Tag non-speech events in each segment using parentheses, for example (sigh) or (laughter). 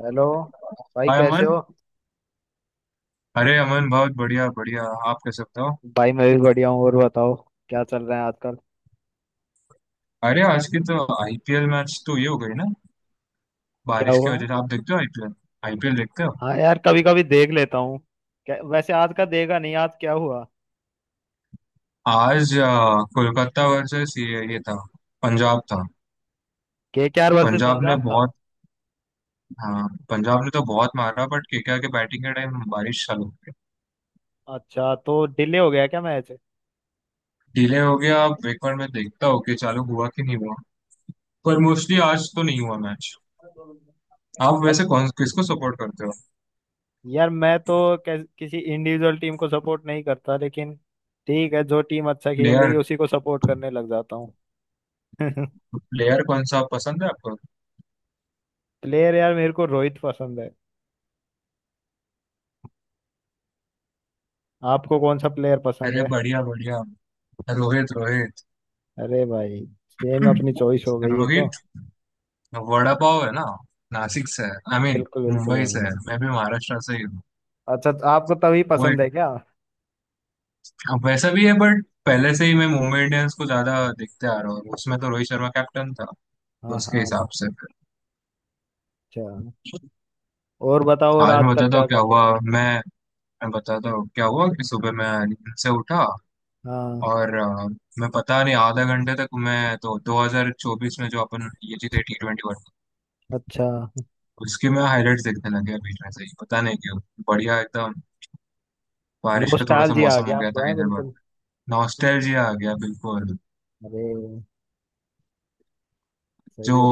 Hello. भाई hi कैसे अमन। हो? अरे अमन, बहुत बढ़िया बढ़िया। आप कैसे, बताओ। भाई मैं भी बढ़िया हूँ। और बताओ, क्या चल रहा है आजकल? अरे आज की तो आईपीएल मैच तो ये हो गई ना, क्या बारिश की हुआ? वजह से। आप देखते हो आईपीएल? आईपीएल देखते हो? हाँ यार, कभी कभी देख लेता हूँ। वैसे आज का देगा नहीं, आज क्या हुआ? आज कोलकाता वर्सेस ये था, पंजाब था। के आर वर्सेस पंजाब ने पंजाब था? बहुत... हाँ पंजाब ने तो बहुत मारा बट केकेआर के बैटिंग के टाइम बारिश चालू हो गई। अच्छा, तो डिले हो गया क्या मैच? डिले हो गया, अब एक बार मैं देखता हूँ कि चालू हुआ कि नहीं हुआ, पर मोस्टली आज तो नहीं हुआ मैच। आप अ- वैसे कौन किसको सपोर्ट करते हो? यार मैं तो किसी इंडिविजुअल टीम को सपोर्ट नहीं करता, लेकिन ठीक है, जो टीम अच्छा खेल रही प्लेयर, है उसी को सपोर्ट करने लग जाता हूँ। (laughs) प्लेयर कौन सा पसंद है आपको? प्लेयर यार, मेरे को रोहित पसंद है। आपको कौन सा प्लेयर पसंद अरे है? बढ़िया बढ़िया। रोहित, रोहित। अरे भाई, सेम अपनी चॉइस हो गई है रोहित तो। वड़ा पाव है ना, नासिक से है, आई मीन बिल्कुल बिल्कुल मुंबई से है। भाई। मैं भी महाराष्ट्र से ही हूँ। अच्छा, तो आपको तभी वो पसंद एक, है क्या? अब वैसा भी है बट पहले से ही मैं मुंबई इंडियंस को ज्यादा देखते आ रहा हूँ, उसमें तो रोहित शर्मा कैप्टन था, तो हाँ उसके हाँ। हिसाब से फिर। अच्छा। और बताओ, और आज मैं आजकल बताता क्या हूँ क्या कर रहे हुआ। हो आप? मैं बताता हूँ क्या हुआ कि सुबह मैं नींद से उठा हाँ। और मैं पता नहीं आधा घंटे तक मैं तो 2024 में जो अपन ये जीते T20 वर्ल्ड कप, अच्छा। उसकी मैं हाईलाइट्स देखने लगे बीच में से ही पता नहीं क्यों। बढ़िया एकदम। बारिश का थोड़ा सा नॉस्टैल्जिया आ मौसम हो गया गया आपको, था है हैदराबाद बिल्कुल। में, नॉस्टैल्जिया आ गया बिल्कुल। अरे सही जो है।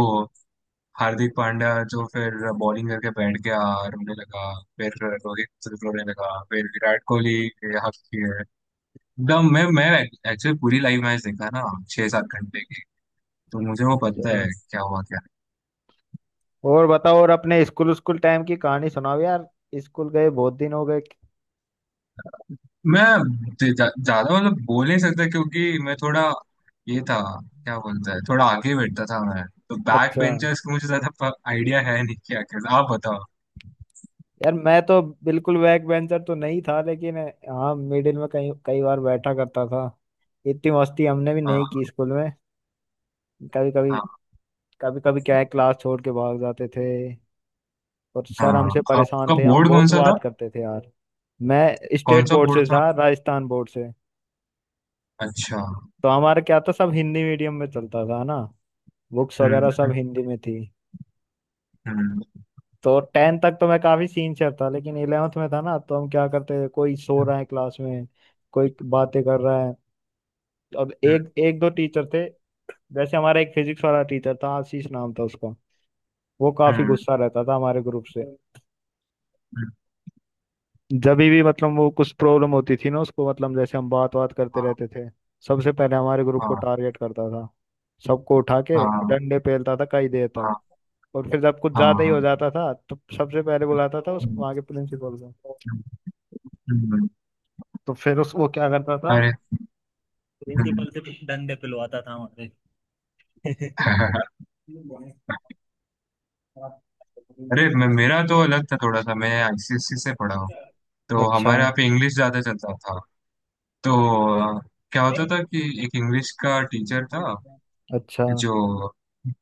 हार्दिक पांड्या जो फिर बॉलिंग करके बैठ गया, रोने लगा। फिर रोहित रोने लगा, फिर विराट कोहली ये हंसती है एकदम। मैं एक्चुअली पूरी लाइव मैच देखा ना, 6-7 घंटे की, तो मुझे वो पता अच्छा। है क्या हुआ क्या। और बताओ, और अपने स्कूल स्कूल टाइम की कहानी सुनाओ यार। स्कूल गए बहुत दिन हो गए। नहीं। मैं ज्यादा मतलब बोल नहीं सकता क्योंकि मैं थोड़ा ये था, क्या बोलता है, थोड़ा आगे बैठता था। मैं तो बैक अच्छा। बेंचर्स का मुझे ज्यादा आइडिया है नहीं। क्या क्या आप बताओ। यार मैं तो बिल्कुल बैक बेंचर तो नहीं था, लेकिन हाँ, मिडिल में कई कई बार बैठा करता था। इतनी मस्ती हमने भी नहीं हाँ की स्कूल में। कभी कभी। हाँ। कभी कभी क्या है, क्लास छोड़ के भाग जाते थे। और सर हाँ। हमसे परेशान आपका थे, हम बोर्ड कौन बहुत सा था? बात करते थे यार। मैं कौन स्टेट सा बोर्ड से बोर्ड था था, आपका? राजस्थान बोर्ड से। अच्छा। तो हमारा क्या था, सब हिंदी मीडियम में चलता था ना, बुक्स वगैरह हम्म। सब हिंदी में थी। हम्म। तो टेंथ तक तो मैं काफी सीनियर था, लेकिन इलेवेंथ में था ना, तो हम क्या करते थे, कोई सो रहा है क्लास में, कोई बातें कर रहा है, और हम्म। एक एक दो टीचर थे। जैसे हमारा एक फिजिक्स वाला टीचर था, आशीष नाम था उसका। वो काफी हम्म, गुस्सा रहता था हमारे ग्रुप से। हम्म। जब भी मतलब वो कुछ प्रॉब्लम होती थी ना उसको, मतलब जैसे हम बात बात करते हाँ रहते थे, सबसे पहले हमारे ग्रुप को हाँ टारगेट करता था। सबको उठा के हाँ डंडे पेलता था कई देर तक। हाँ। और फिर जब कुछ हाँ, ज्यादा ही हो हाँ। जाता था तो सबसे पहले बुलाता था उस हम्म, वहाँ के प्रिंसिपल को। हम्म, हम्म। तो फिर उस वो क्या करता था, अरे। हम्म। प्रिंसिपल से डंडे पिलवाता था हमारे। (laughs) अरे, मैं मेरा तो अलग था थोड़ा सा, मैं आईसीएससी से पढ़ा हूँ। तो अच्छा हमारे यहाँ पे इंग्लिश ज्यादा चलता था। तो अ, क्या होता था कि एक इंग्लिश का टीचर था, अच्छा। जो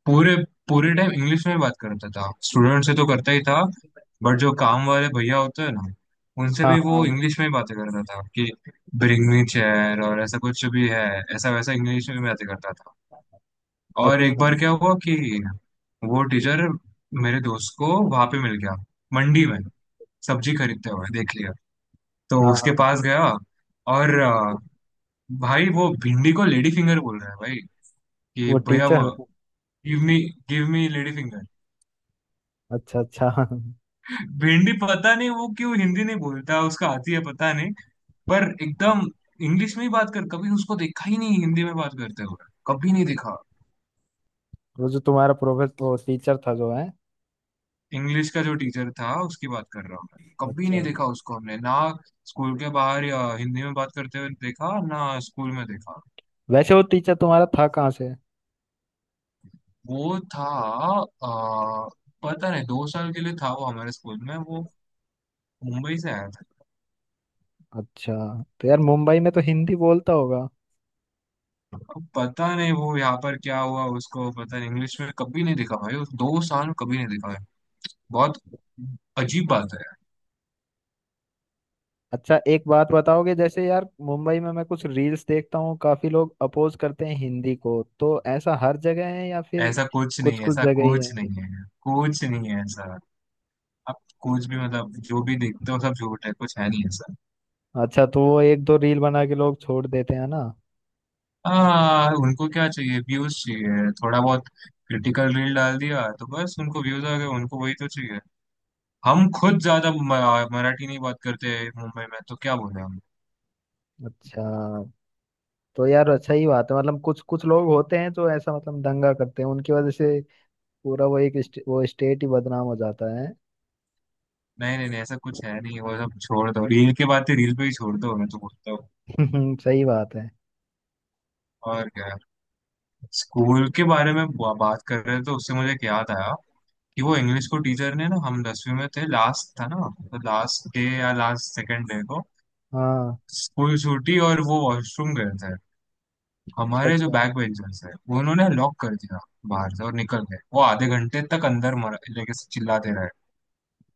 पूरे पूरे टाइम इंग्लिश में बात करता था। स्टूडेंट से तो करता ही था, बट जो काम वाले भैया होते हैं ना, उनसे हाँ भी वो हाँ। इंग्लिश में ही बातें करता था, कि ब्रिंग मी चेयर और ऐसा कुछ भी है, ऐसा वैसा इंग्लिश में बातें करता था। और एक अच्छा। बार क्या हुआ कि वो टीचर मेरे दोस्त को वहां पे मिल गया, मंडी में सब्जी खरीदते हुए देख लिया, तो हाँ उसके हाँ, पास गया और भाई, वो भिंडी को लेडी फिंगर बोल रहा है भाई, कि वो भैया, teacher. Give me give me lady finger. अच्छा अच्छा। (laughs) भिंडी पता नहीं वो क्यों हिंदी नहीं बोलता, उसका आती है पता नहीं, पर एकदम इंग्लिश में ही बात कर, कभी उसको देखा ही नहीं हिंदी में बात करते हुए, कभी नहीं देखा। वो जो तुम्हारा प्रोफेसर, वो टीचर था जो है? इंग्लिश का जो टीचर था उसकी बात कर रहा हूँ मैं, कभी अच्छा। नहीं देखा उसको हमने ना स्कूल के बाहर, या हिंदी में बात करते हुए देखा ना स्कूल में देखा। वैसे वो टीचर तुम्हारा था कहाँ से? वो था आ, पता नहीं, 2 साल के लिए था वो हमारे स्कूल में, वो मुंबई से आया था। अच्छा, तो यार मुंबई में तो हिंदी बोलता होगा। अब पता नहीं वो यहाँ पर क्या हुआ उसको, पता नहीं, इंग्लिश में कभी नहीं देखा भाई उस 2 साल में, कभी नहीं देखा। बहुत अजीब बात है। अच्छा, एक बात बताओगे, जैसे यार मुंबई में मैं कुछ रील्स देखता हूँ, काफी लोग अपोज करते हैं हिंदी को, तो ऐसा हर जगह है या फिर ऐसा कुछ कुछ नहीं है, कुछ ऐसा जगह ही कुछ है? नहीं है, कुछ नहीं है ऐसा। आप कुछ भी मतलब जो भी देखते हो सब झूठ है, कुछ है नहीं ऐसा। अच्छा, तो वो एक दो रील बना के लोग छोड़ देते हैं ना। हाँ उनको क्या चाहिए, व्यूज चाहिए, थोड़ा बहुत क्रिटिकल रील डाल दिया तो बस उनको व्यूज आ गए, उनको वही तो चाहिए। हम खुद ज्यादा मराठी नहीं बात करते मुंबई में, तो क्या बोले हम। अच्छा, तो यार अच्छा ही बात है, मतलब कुछ कुछ लोग होते हैं जो ऐसा मतलब दंगा करते हैं, उनकी वजह से पूरा वो एक वो स्टेट ही बदनाम हो जाता है। नहीं नहीं नहीं, ऐसा कुछ है नहीं, वो सब छोड़ दो, रील के बातें रील पे ही छोड़ दो, मैं तो बोलता हूँ। (laughs) सही बात है। और क्या, स्कूल के बारे में बात कर रहे थे तो उससे मुझे एक याद आया, कि वो इंग्लिश को टीचर ने ना, हम 10वीं में थे लास्ट था ना, तो लास्ट डे या लास्ट सेकंड डे को हाँ। स्कूल छूटी और वो वॉशरूम गए थे, अच्छा हमारे जो अच्छा। बैक बेंचर्स है वो उन्होंने लॉक कर दिया बाहर से और निकल गए, वो आधे घंटे तक अंदर मर लेके चिल्लाते रहे।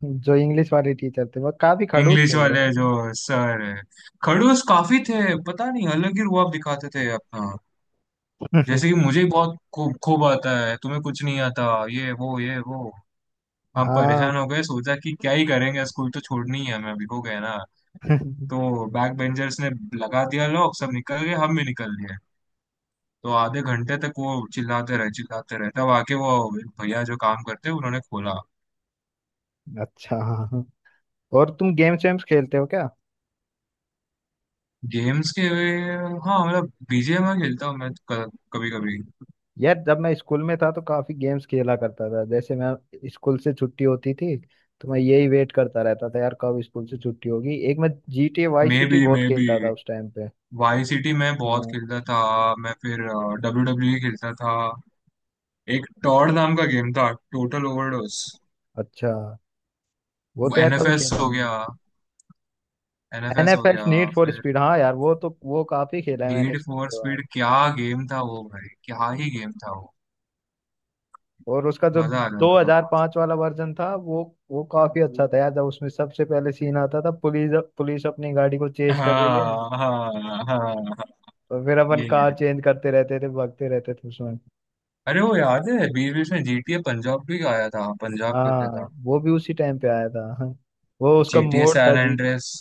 जो इंग्लिश वाले टीचर थे वो काफी खड़ूस इंग्लिश थे, वो वाले है? जो सर है, खड़ूस काफी थे, पता नहीं अलग ही रुआब दिखाते थे अपना, जैसे कि (laughs) मुझे ही बहुत खूब खूब आता है, तुम्हें कुछ नहीं आता, ये वो, ये वो। हम हाँ। परेशान हो गए, सोचा कि क्या ही करेंगे, स्कूल तो छोड़नी ही है हमें, अभी हो गए ना, (laughs) तो बैक बेंचर्स ने लगा दिया, लोग सब निकल गए, हम भी निकल लिए, तो आधे घंटे तक वो चिल्लाते रहे चिल्लाते रहे, तब आके वो भैया जो काम करते हैं उन्होंने खोला। अच्छा। हाँ हाँ। और तुम गेम्स वेम्स खेलते हो क्या? गेम्स के, हाँ मतलब बीजीएमआई खेलता हूँ मैं कभी कभी। यार जब मैं स्कूल में था तो काफी गेम्स खेला करता था। जैसे मैं स्कूल से छुट्टी होती थी, तो मैं यही वेट करता रहता था यार, कब स्कूल से छुट्टी होगी। एक मैं जी टी ए वाई मे सी टी बी मे बहुत बी खेलता था उस टाइम पे। वाई सिटी मैं बहुत हम्म, खेलता था, मैं फिर डब्ल्यू डब्ल्यू खेलता था, एक टॉड नाम का गेम था, टोटल ओवरडोज। अच्छा। वो तो यार कभी एनएफएस खेला हो नहीं। गया, एन एनएफएस हो एफ एस गया। नीड फॉर फिर स्पीड, हाँ यार वो तो वो काफी खेला है मैंने नीड इसको फॉर के बाद। स्पीड, क्या गेम था वो भाई, क्या ही गेम था वो, और उसका जो मजा आ जाता था बहुत। 2005 वाला वर्जन था वो काफी अच्छा था यार। जब उसमें सबसे पहले सीन आता था, पुलिस, पुलिस अपनी गाड़ी को चेज कर रही है, हाँ हाँ हाँ हाँ, और फिर अपन यही है। कार चेंज करते रहते थे, भागते रहते थे उसमें। अरे वो याद है, बीच बीच में जीटीए पंजाब भी आया था, पंजाब करके हाँ था। वो भी उसी टाइम पे आया था। (laughs) हाँ, वो उसका जीटीए मोड था सैन जी। Andreas,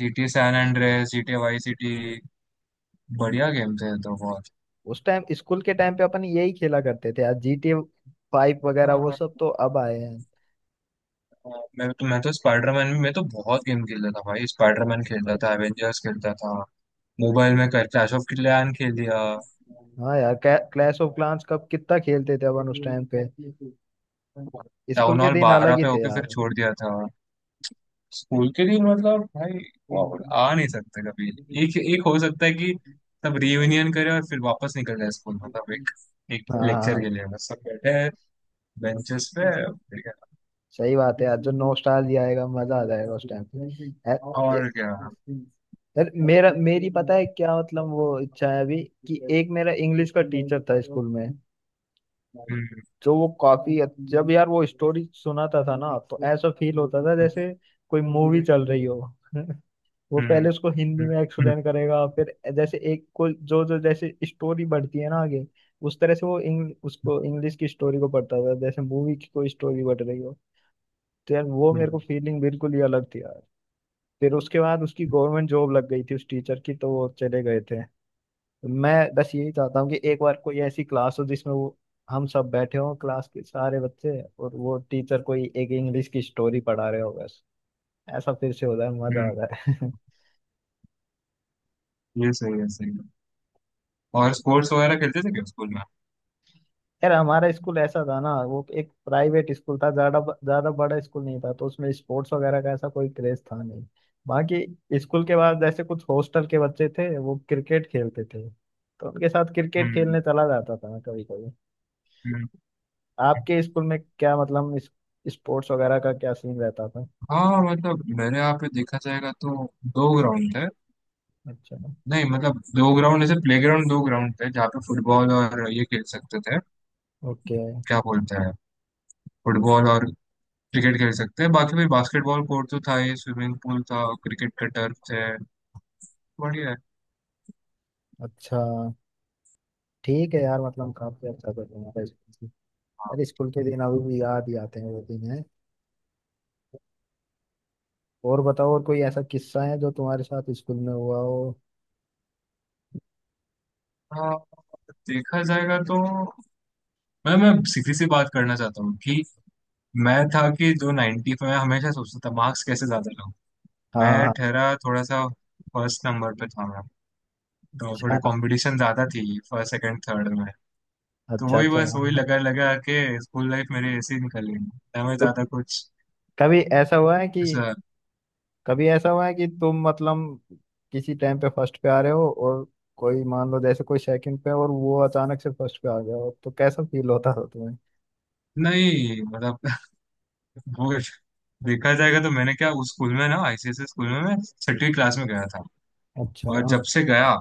GTA San Andreas, GTA Vice City, बढ़िया गेम थे तो बहुत। उस टाइम स्कूल के टाइम पे अपन यही खेला करते थे यार। जी टी फाइव हाँ, वगैरह वो हाँ। सब तो अब आए हैं। मैं तो स्पाइडरमैन में मैं तो बहुत गेम खेलता था भाई, स्पाइडरमैन खेलता था, एवेंजर्स खेलता था, मोबाइल में क्लैश ऑफ क्लैन खेल लिया। हाँ यार, क्लैश ऑफ क्लान्स कब कितना खेलते थे अपन उस टाइम पे। स्कूल टाउन के हॉल दिन 12 अलग ही पे थे होके फिर यार। छोड़ दिया था। स्कूल के दिन मतलब भाई, वाह, आ नहीं सकते कभी। एक एक हो सकता है कि सब रियूनियन करे और फिर वापस निकल जाए, स्कूल मतलब एक एक हाँ हाँ, लेक्चर हाँ। के लिए बस सब बैठे हैं बेंचेस पे। ठीक है। सही बात है यार, जो नॉस्टैल्जिया आएगा मजा आ जाएगा उस टाइम पे। ए- ए- और क्या। यार मेरा मेरी पता है क्या मतलब, वो इच्छा है अभी कि एक मेरा इंग्लिश का टीचर था स्कूल में, हम्म जो वो जब यार वो स्टोरी सुनाता था ना, तो ऐसा फील होता था जैसे कोई मूवी चल रही हो। (laughs) वो हम्म। पहले उसको हिंदी हम्म। में एक्सप्लेन करेगा, फिर जैसे एक को जो जो जैसे स्टोरी बढ़ती है ना आगे, उस तरह से वो उसको इंग्लिश की स्टोरी को पढ़ता था जैसे मूवी की कोई स्टोरी बढ़ रही हो। तो यार वो हम्म, मेरे को हम्म, फीलिंग बिल्कुल ही अलग थी यार। फिर उसके बाद उसकी गवर्नमेंट जॉब लग गई थी उस टीचर की, तो वो चले गए थे। मैं बस यही चाहता हूँ कि एक बार कोई ऐसी क्लास हो जिसमें वो, हम सब बैठे हों क्लास के सारे बच्चे, और वो टीचर कोई एक इंग्लिश की स्टोरी पढ़ा रहे हो, बस ऐसा फिर से हो जाए, मजा आ हम्म। जाए। (laughs) ये सही है सही है। और स्पोर्ट्स वगैरह खेलते थे क्या स्कूल में? यार हमारा स्कूल ऐसा था ना, वो एक प्राइवेट स्कूल था, ज्यादा ज्यादा बड़ा स्कूल नहीं था, तो उसमें स्पोर्ट्स वगैरह का ऐसा कोई क्रेज था नहीं। बाकी स्कूल के बाद जैसे कुछ हॉस्टल के बच्चे थे वो क्रिकेट खेलते थे, तो उनके साथ क्रिकेट हम्म हम्म। खेलने चला जाता था मैं कभी कभी। हम्म। आपके स्कूल में क्या मतलब स्पोर्ट्स वगैरह का क्या सीन रहता था? हाँ मतलब मेरे यहाँ पे देखा जाएगा तो दो ग्राउंड थे, अच्छा। नहीं मतलब दो ग्राउंड, ऐसे प्लेग्राउंड दो ग्राउंड थे जहाँ पे फुटबॉल और ये खेल सकते थे, ओके। क्या बोलते हैं, फुटबॉल और क्रिकेट खेल सकते हैं, बाकी भाई बास्केटबॉल कोर्ट तो था ही, स्विमिंग पूल था, क्रिकेट का टर्फ है, बढ़िया है। अच्छा। ठीक है यार, मतलब काफी अच्छा था तुम्हारा स्कूल। अरे स्कूल के दिन अभी भी याद ही आते हैं, वो दिन है। और बताओ, और कोई ऐसा किस्सा है जो तुम्हारे साथ स्कूल में हुआ हो? हाँ, देखा जाएगा तो मैं सीधी सी बात करना चाहता हूँ, कि मैं था कि जो 90 पे मैं हमेशा सोचता था मार्क्स कैसे ज्यादा लाऊं। हाँ मैं हाँ। ठहरा थोड़ा सा, फर्स्ट नंबर पे था मैं, तो थोड़े अच्छा कंपटीशन ज्यादा थी फर्स्ट सेकंड थर्ड में, तो अच्छा। वही अच्छा। बस वही हाँ। लगा लगा के स्कूल लाइफ मेरी ऐसी ही निकल गई, ना मैं तो ज्यादा कुछ कभी ऐसा हुआ है कि, ऐसा। कभी ऐसा हुआ है कि तुम मतलब किसी टाइम पे फर्स्ट पे आ रहे हो, और कोई मान लो जैसे कोई सेकंड पे है और वो अचानक से फर्स्ट पे आ गया हो, तो कैसा फील होता हो तुम्हें? नहीं मतलब वो, देखा जाएगा तो मैंने क्या उस स्कूल में ना, आईसीएसई स्कूल में मैं छठी क्लास में गया था, अच्छा। और जब से गया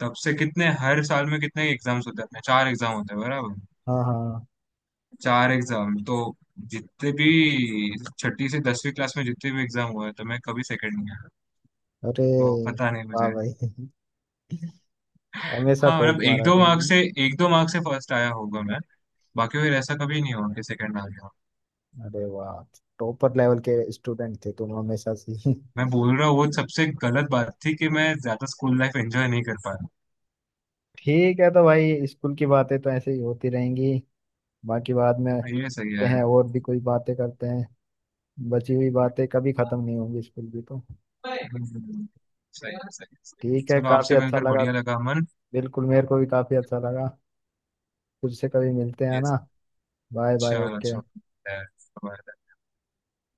तब से कितने हर साल में कितने एग्जाम्स होते हैं अपने, चार एग्जाम होते हैं बराबर। हाँ हाँ। चार एग्जाम तो जितने भी छठी से 10वीं क्लास में जितने भी एग्जाम हुए तो मैं कभी सेकंड नहीं आया, अरे तो पता नहीं वाह मुझे। भाई, हमेशा हाँ मतलब टॉप एक मारा दो मार्क्स तुमने। से, एक दो मार्क्स से फर्स्ट आया होगा मैं, बाकी फिर ऐसा कभी नहीं हुआ कि सेकंड आ गया। अरे वाह, टॉपर लेवल के स्टूडेंट थे तुम हमेशा से। मैं बोल रहा हूँ वो सबसे गलत बात थी कि मैं ज्यादा स्कूल लाइफ एंजॉय नहीं कर पाया। ठीक है, तो भाई स्कूल की बातें तो ऐसे ही होती रहेंगी, बाकी बाद में ये सही करते है। हैं, और भी कोई बातें करते हैं। बची हुई बातें कभी खत्म नहीं होंगी स्कूल की तो। हम्म, सही है सही है सही है। ठीक है, चलो, काफी आपसे अच्छा मिलकर लगा। बढ़िया लगा अमन। बिल्कुल, मेरे को भी काफी अच्छा लगा। तुझसे कभी मिलते हैं ये, ना। बाय बाय, चलो, ओके। अच्छा।